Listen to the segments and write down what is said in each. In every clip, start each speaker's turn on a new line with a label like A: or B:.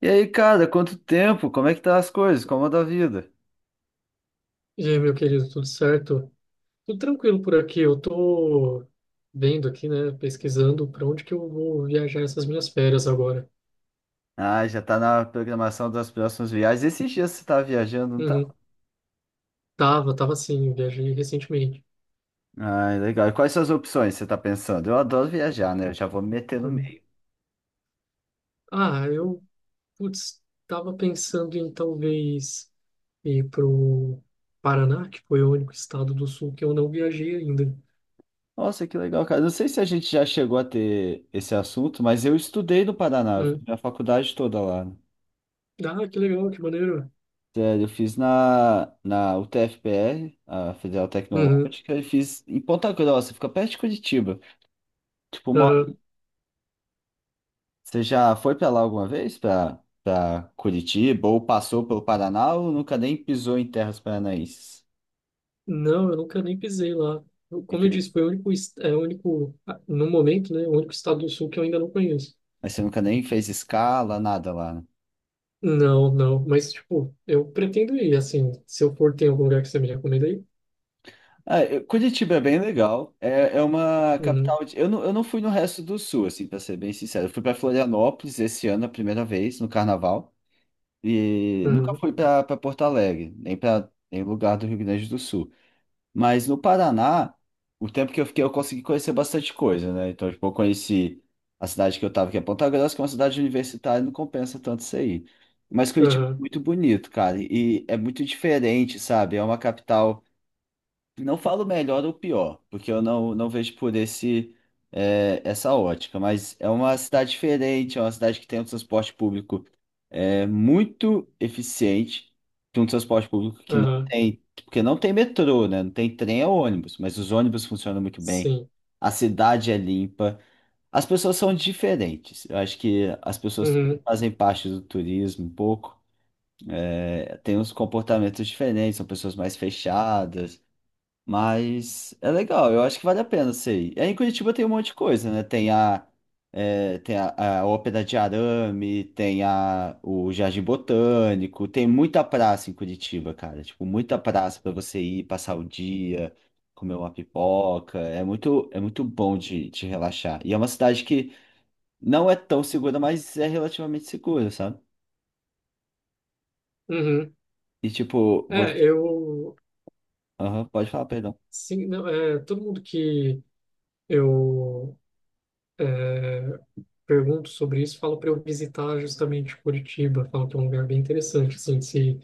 A: E aí, cara, quanto tempo? Como é que tá as coisas? Como anda a vida?
B: E aí, meu querido, tudo certo? Tudo tranquilo por aqui. Eu tô vendo aqui, né, pesquisando para onde que eu vou viajar essas minhas férias agora.
A: Ah, já tá na programação das próximas viagens. Esses dias você tá viajando, não tá?
B: Uhum. Tava sim, eu viajei recentemente.
A: Ah, legal. E quais são as opções que você tá pensando? Eu adoro viajar, né? Eu já vou me meter no
B: Uhum.
A: meio.
B: Ah, putz, tava pensando em talvez ir pro Paraná, que foi o único estado do sul que eu não viajei ainda.
A: Nossa, que legal, cara. Não sei se a gente já chegou a ter esse assunto, mas eu estudei no Paraná. Eu fiz
B: Uhum.
A: minha faculdade toda lá, né?
B: Ah, que legal, que maneiro.
A: Sério, eu fiz na UTFPR, a Federal
B: Uhum.
A: Tecnológica, e fiz em Ponta Grossa, fica perto de Curitiba. Tipo, uma
B: Aham.
A: Você já foi para lá alguma vez? Para Curitiba ou passou pelo Paraná ou nunca nem pisou em terras paranaenses?
B: Não, eu nunca nem pisei lá. Como eu
A: Enfim.
B: disse, foi o único, é o único, no momento, né, o único estado do sul que eu ainda não conheço.
A: Mas você nunca nem fez escala, nada lá, né?
B: Não, não, mas, tipo, eu pretendo ir, assim, se eu for, tem algum lugar que você me recomenda aí?
A: Curitiba é bem legal. É uma
B: Uhum,
A: capital. Eu não fui no resto do sul, assim, para ser bem sincero. Eu fui para Florianópolis esse ano a primeira vez, no carnaval. E nunca
B: uhum,
A: fui para Porto Alegre, nem para nem lugar do Rio Grande do Sul. Mas no Paraná, o tempo que eu fiquei, eu consegui conhecer bastante coisa, né? Então, tipo, eu conheci a cidade que eu tava, que é Ponta Grossa, que é uma cidade universitária, não compensa tanto isso aí. Mas Curitiba é
B: aham,
A: muito bonito, cara, e é muito diferente, sabe? É uma capital. Não falo melhor ou pior, porque eu não vejo por essa ótica, mas é uma cidade diferente, é uma cidade que tem um transporte público muito eficiente, tem um transporte público que não
B: aham,
A: tem, porque não tem metrô, né? Não tem trem ou ônibus, mas os ônibus funcionam muito bem,
B: sim,
A: a cidade é limpa, as pessoas são diferentes. Eu acho que as pessoas também
B: uhum,
A: fazem parte do turismo um pouco, tem uns comportamentos diferentes, são pessoas mais fechadas. Mas é legal, eu acho que vale a pena sei. E aí em Curitiba tem um monte de coisa, né? Tem a Ópera de Arame, tem o Jardim Botânico, tem muita praça em Curitiba, cara. Tipo, muita praça para você ir, passar o dia, comer uma pipoca. É muito bom de relaxar. E é uma cidade que não é tão segura, mas é relativamente segura, sabe?
B: uhum.
A: E tipo,
B: É,
A: você...
B: eu,
A: Aham, pode falar, perdão.
B: sim, não, todo mundo que eu é, pergunto sobre isso fala para eu visitar justamente Curitiba, fala que é um lugar bem interessante, assim, se,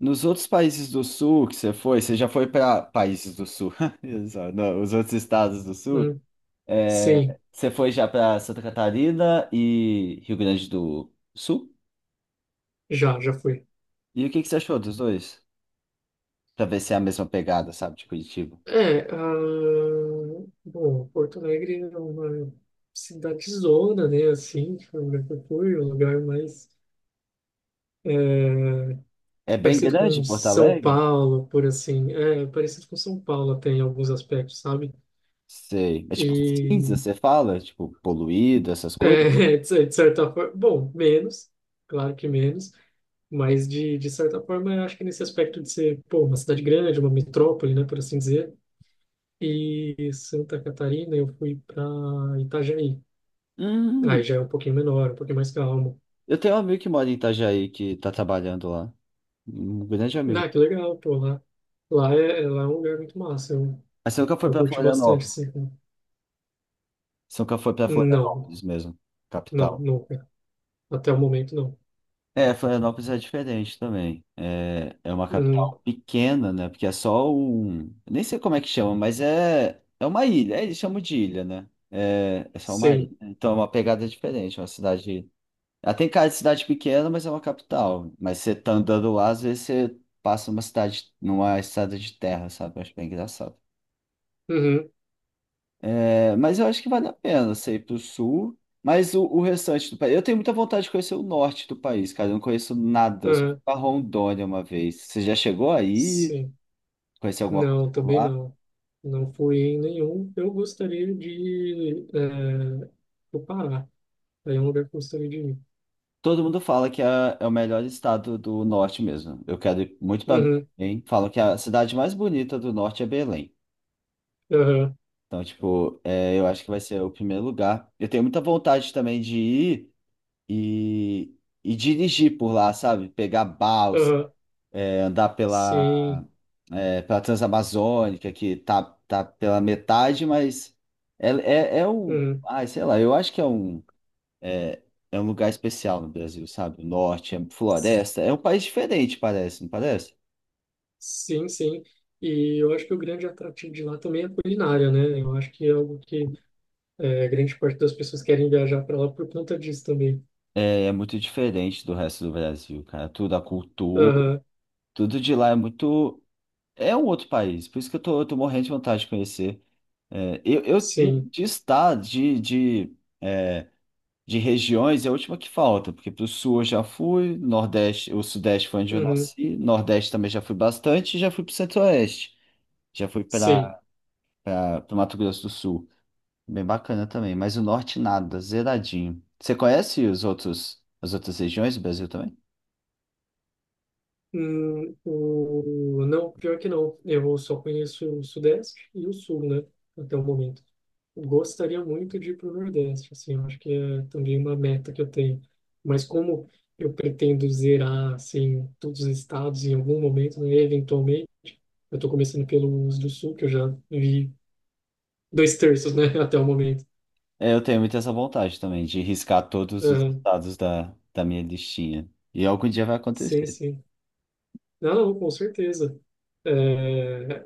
A: Nos outros países do sul que você foi, você já foi para países do sul, exato, não, os outros estados do sul,
B: hum, sim,
A: você foi já para Santa Catarina e Rio Grande do Sul?
B: já fui.
A: E o que que você achou dos dois? Para ver se é a mesma pegada, sabe, de Curitiba.
B: É, a... Bom, Porto Alegre é uma cidadezona, né, assim, que foi um lugar que eu fui, um lugar mais é,
A: É bem
B: parecido
A: grande
B: com
A: Porto
B: São
A: Alegre?
B: Paulo, por assim, parecido com São Paulo até em alguns aspectos, sabe?
A: Sei. É tipo cinza,
B: E,
A: você fala? Tipo, poluído, essas coisas?
B: de de certa forma, bom, menos, claro que menos, mas de certa forma, eu acho que nesse aspecto de ser, pô, uma cidade grande, uma metrópole, né, por assim dizer. E Santa Catarina, eu fui para Itajaí.
A: Hum,
B: Aí já é um pouquinho menor, um pouquinho mais calmo.
A: eu tenho um amigo que mora em Itajaí que tá trabalhando lá. Um grande amigo.
B: Ah, que legal, pô, lá. Lá é um lugar muito massa. Eu,
A: Mas você nunca foi
B: eu
A: para
B: curti bastante,
A: Florianópolis?
B: assim.
A: Você nunca foi para
B: Não,
A: Florianópolis mesmo,
B: não,
A: capital.
B: nunca. Até o momento, não.
A: É, Florianópolis é diferente também. É uma
B: Uhum,
A: capital pequena, né? Porque é só um. Nem sei como é que chama, mas é uma ilha. É, eles chamam de ilha, né? É só uma ilha,
B: sim.
A: né? Então é uma pegada diferente. É uma cidade. Ela tem cara de cidade pequena, mas é uma capital. Mas você tá andando lá, às vezes você passa numa cidade, numa estrada de terra, sabe? Eu acho bem engraçado.
B: Uhum,
A: É, mas eu acho que vale a pena você ir pro sul, mas o restante do país. Eu tenho muita vontade de conhecer o norte do país, cara. Eu não conheço nada, eu só fui
B: uhum,
A: pra Rondônia uma vez. Você já chegou aí?
B: sim.
A: Conheceu alguma coisa
B: Não,
A: por
B: também
A: lá?
B: não. Não fui em nenhum. Eu gostaria de pro Pará. Aí é um lugar que eu gostaria de ir.
A: Todo mundo fala que é o melhor estado do norte mesmo. Eu quero ir muito pra
B: Uhum,
A: Belém. Falam que a cidade mais bonita do norte é Belém.
B: uhum,
A: Então, tipo, eu acho que vai ser o primeiro lugar. Eu tenho muita vontade também de ir e, e dirigir por lá, sabe? Pegar balsa,
B: uhum,
A: andar pela
B: sim.
A: é, pela Transamazônica, que tá pela metade, mas é um.
B: Uhum.
A: Ai, sei lá, eu acho que é, é um lugar especial no Brasil, sabe? O norte, é floresta. É um país diferente, parece, não parece?
B: Sim, sim. E eu acho que o grande atrativo de lá também é a culinária, né? Eu acho que é algo que grande parte das pessoas querem viajar para lá por conta disso também.
A: É muito diferente do resto do Brasil, cara. Tudo, a cultura,
B: Aham,
A: tudo de lá é muito. É um outro país, por isso que eu tô morrendo de vontade de conhecer. É, eu
B: sim.
A: de estado, de regiões é a última que falta, porque para o sul eu já fui, Nordeste, o Sudeste foi onde eu
B: Uhum,
A: nasci, Nordeste também já fui bastante, e já fui para o Centro-Oeste, já fui
B: sim.
A: para o Mato Grosso do Sul. Bem bacana também, mas o Norte nada, zeradinho. Você conhece os outros, as outras regiões do Brasil também?
B: Hum. Não, pior que não. Eu só conheço o Sudeste e o Sul, né? Até o momento. Gostaria muito de ir para o Nordeste, assim, eu acho que é também uma meta que eu tenho. Mas como eu pretendo zerar, assim, todos os estados em algum momento, né, eventualmente, eu tô começando pelo uso do sul, que eu já vi 2/3, né, até o momento.
A: É, eu tenho muito essa vontade também de riscar todos os
B: Aham.
A: estados da minha listinha. E algum dia vai
B: Sim,
A: acontecer.
B: sim. Não, não, com certeza. É,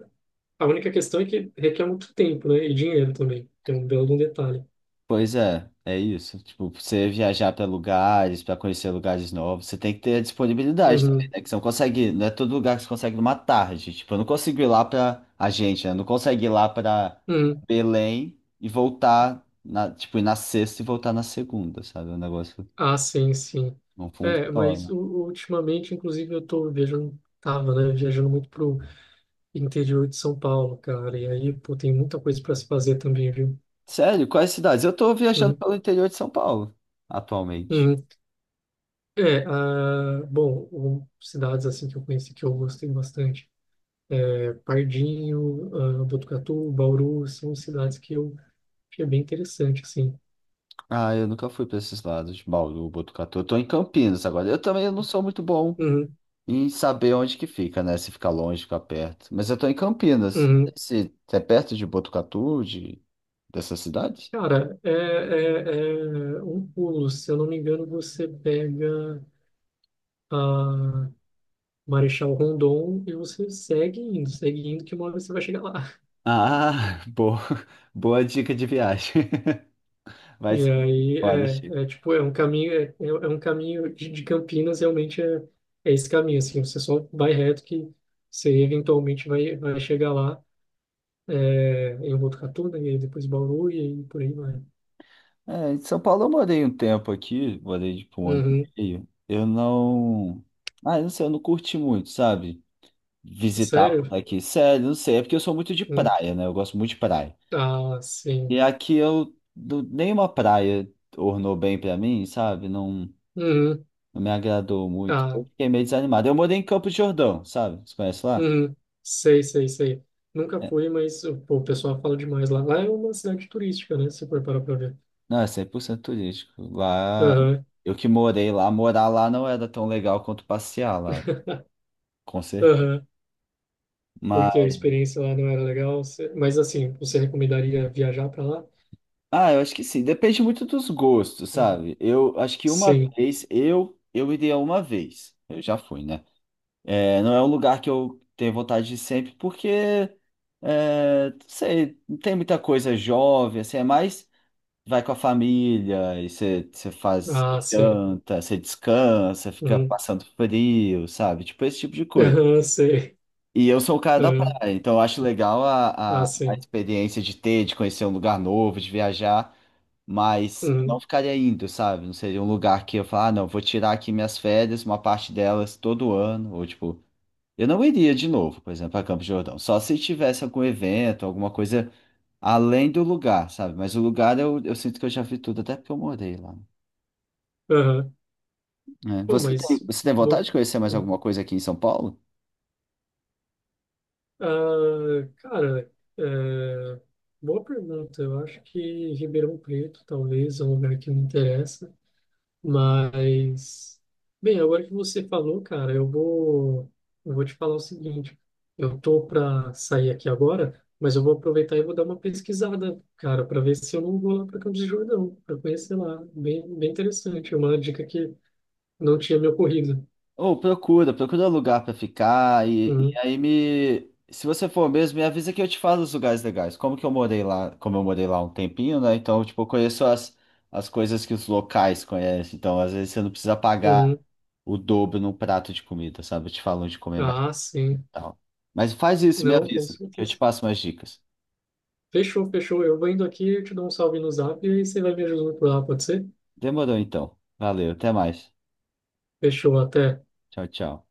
B: a única questão é que requer muito tempo, né, e dinheiro também, que é um belo de um detalhe.
A: Pois é, é isso. Tipo, você viajar para lugares, para conhecer lugares novos, você tem que ter a disponibilidade também,
B: Uhum,
A: né? Que você não consegue, não é todo lugar que você consegue numa tarde. Tipo, eu não consigo ir lá para a gente, né? Eu não consigo ir lá para
B: uhum.
A: Belém e voltar na, tipo, ir na sexta e voltar na segunda, sabe? O negócio
B: Ah, sim, sim.
A: não
B: É, mas
A: funciona.
B: ultimamente, inclusive, eu tô viajando, tava, né, viajando muito pro interior de São Paulo, cara, e aí, pô, tem muita coisa para se fazer também, viu?
A: Sério, quais cidades? Eu tô viajando
B: Uhum,
A: pelo interior de São Paulo atualmente.
B: uhum. Bom, cidades assim que eu conheci que eu gostei bastante. Pardinho, Botucatu, Bauru, são cidades que eu achei bem interessante, assim.
A: Ah, eu nunca fui para esses lados, Bauru, Botucatu. Eu tô em Campinas agora. Eu também não sou muito bom
B: Uhum,
A: e saber onde que fica, né? Se fica longe, fica perto. Mas eu tô em Campinas.
B: uhum.
A: Se é perto de Botucatu, de... dessa cidade?
B: Cara, é um pulo, se eu não me engano, você pega a Marechal Rondon e você segue indo, que uma hora você vai chegar lá.
A: Ah, boa dica de viagem. Vai
B: E
A: ser
B: aí
A: foda, Chico.
B: é tipo, é um caminho, é um caminho de Campinas, realmente é esse caminho, assim, você só vai reto que você eventualmente vai chegar lá, em Botucatu, né, e aí depois Bauru, e aí por aí vai.
A: É, em São Paulo eu morei um tempo aqui, morei tipo um ano
B: Uhum.
A: e meio. Eu não. Ah, eu não sei, eu não curti muito, sabe? Visitar por
B: Sério?
A: aqui. Sério, não sei. É porque eu sou muito de
B: Hum.
A: praia, né? Eu gosto muito de praia.
B: Ah, sim.
A: E aqui eu. Não- Nenhuma praia ornou bem pra mim, sabe? Não.
B: Uhum.
A: Não me agradou muito. Eu
B: Ah,
A: fiquei meio desanimado. Eu morei em Campos de Jordão, sabe? Você conhece lá?
B: uhum. Sei, sei, sei. Nunca fui, mas pô, o pessoal fala demais lá. Lá é uma cidade turística, né, se você for parar pra ver.
A: Não, é 100% turístico. Lá,
B: Aham.
A: eu que morei lá, morar lá não era tão legal quanto passear lá, com certeza.
B: Aham. Porque a
A: Mas,
B: experiência lá não era legal. Mas assim, você recomendaria viajar para lá?
A: ah, eu acho que sim. Depende muito dos gostos, sabe? Eu acho que uma
B: Sim.
A: vez, eu iria uma vez. Eu já fui, né? É, não é um lugar que eu tenho vontade de ir sempre, porque, não sei, não tem muita coisa jovem, assim, é mais. Vai com a família, e você faz
B: Ah,
A: você
B: sim.
A: janta, você descansa, fica
B: Uhum.
A: passando frio, sabe? Tipo esse tipo de coisa.
B: Aham, sei.
A: E eu sou o cara da
B: Aham.
A: praia, então eu acho legal a, a,
B: Ah,
A: a
B: sim.
A: experiência de ter, de conhecer um lugar novo, de viajar, mas eu não
B: Uhum.
A: ficaria indo, sabe? Não seria um lugar que eu falar, ah, não, vou tirar aqui minhas férias, uma parte delas todo ano, ou tipo, eu não iria de novo, por exemplo, a Campos do Jordão, só se tivesse algum evento, alguma coisa além do lugar, sabe? Mas o lugar eu sinto que eu já vi tudo, até porque eu morei lá.
B: Aham.
A: É.
B: Pô,
A: Você tem,
B: mas
A: você tem vontade
B: bom.
A: de conhecer mais
B: Uhum.
A: alguma coisa aqui em São Paulo?
B: Ah, cara, é, boa pergunta. Eu acho que Ribeirão Preto talvez é um lugar que me interessa. Mas, bem, agora que você falou, cara, eu vou, te falar o seguinte. Eu tô para sair aqui agora, mas eu vou aproveitar e vou dar uma pesquisada, cara, para ver se eu não vou lá para Campos do Jordão, para conhecer lá. Bem, bem interessante, uma dica que não tinha me ocorrido.
A: Ou procura lugar pra ficar e
B: Uhum,
A: aí me. Se você for mesmo, me avisa que eu te falo os lugares legais. Como eu morei lá um tempinho, né? Então, tipo, eu conheço as coisas que os locais conhecem. Então, às vezes você não precisa pagar
B: uhum.
A: o dobro num prato de comida, sabe? Eu te falo onde comer mais e
B: Ah, sim.
A: tal. Mas faz isso, me
B: Não, com
A: avisa, que eu te
B: certeza.
A: passo mais dicas.
B: Fechou, fechou. Eu vou indo aqui, eu te dou um salve no Zap e aí você vai me ajudando por lá, pode ser?
A: Demorou então. Valeu, até mais.
B: Fechou, até.
A: Tchau, tchau.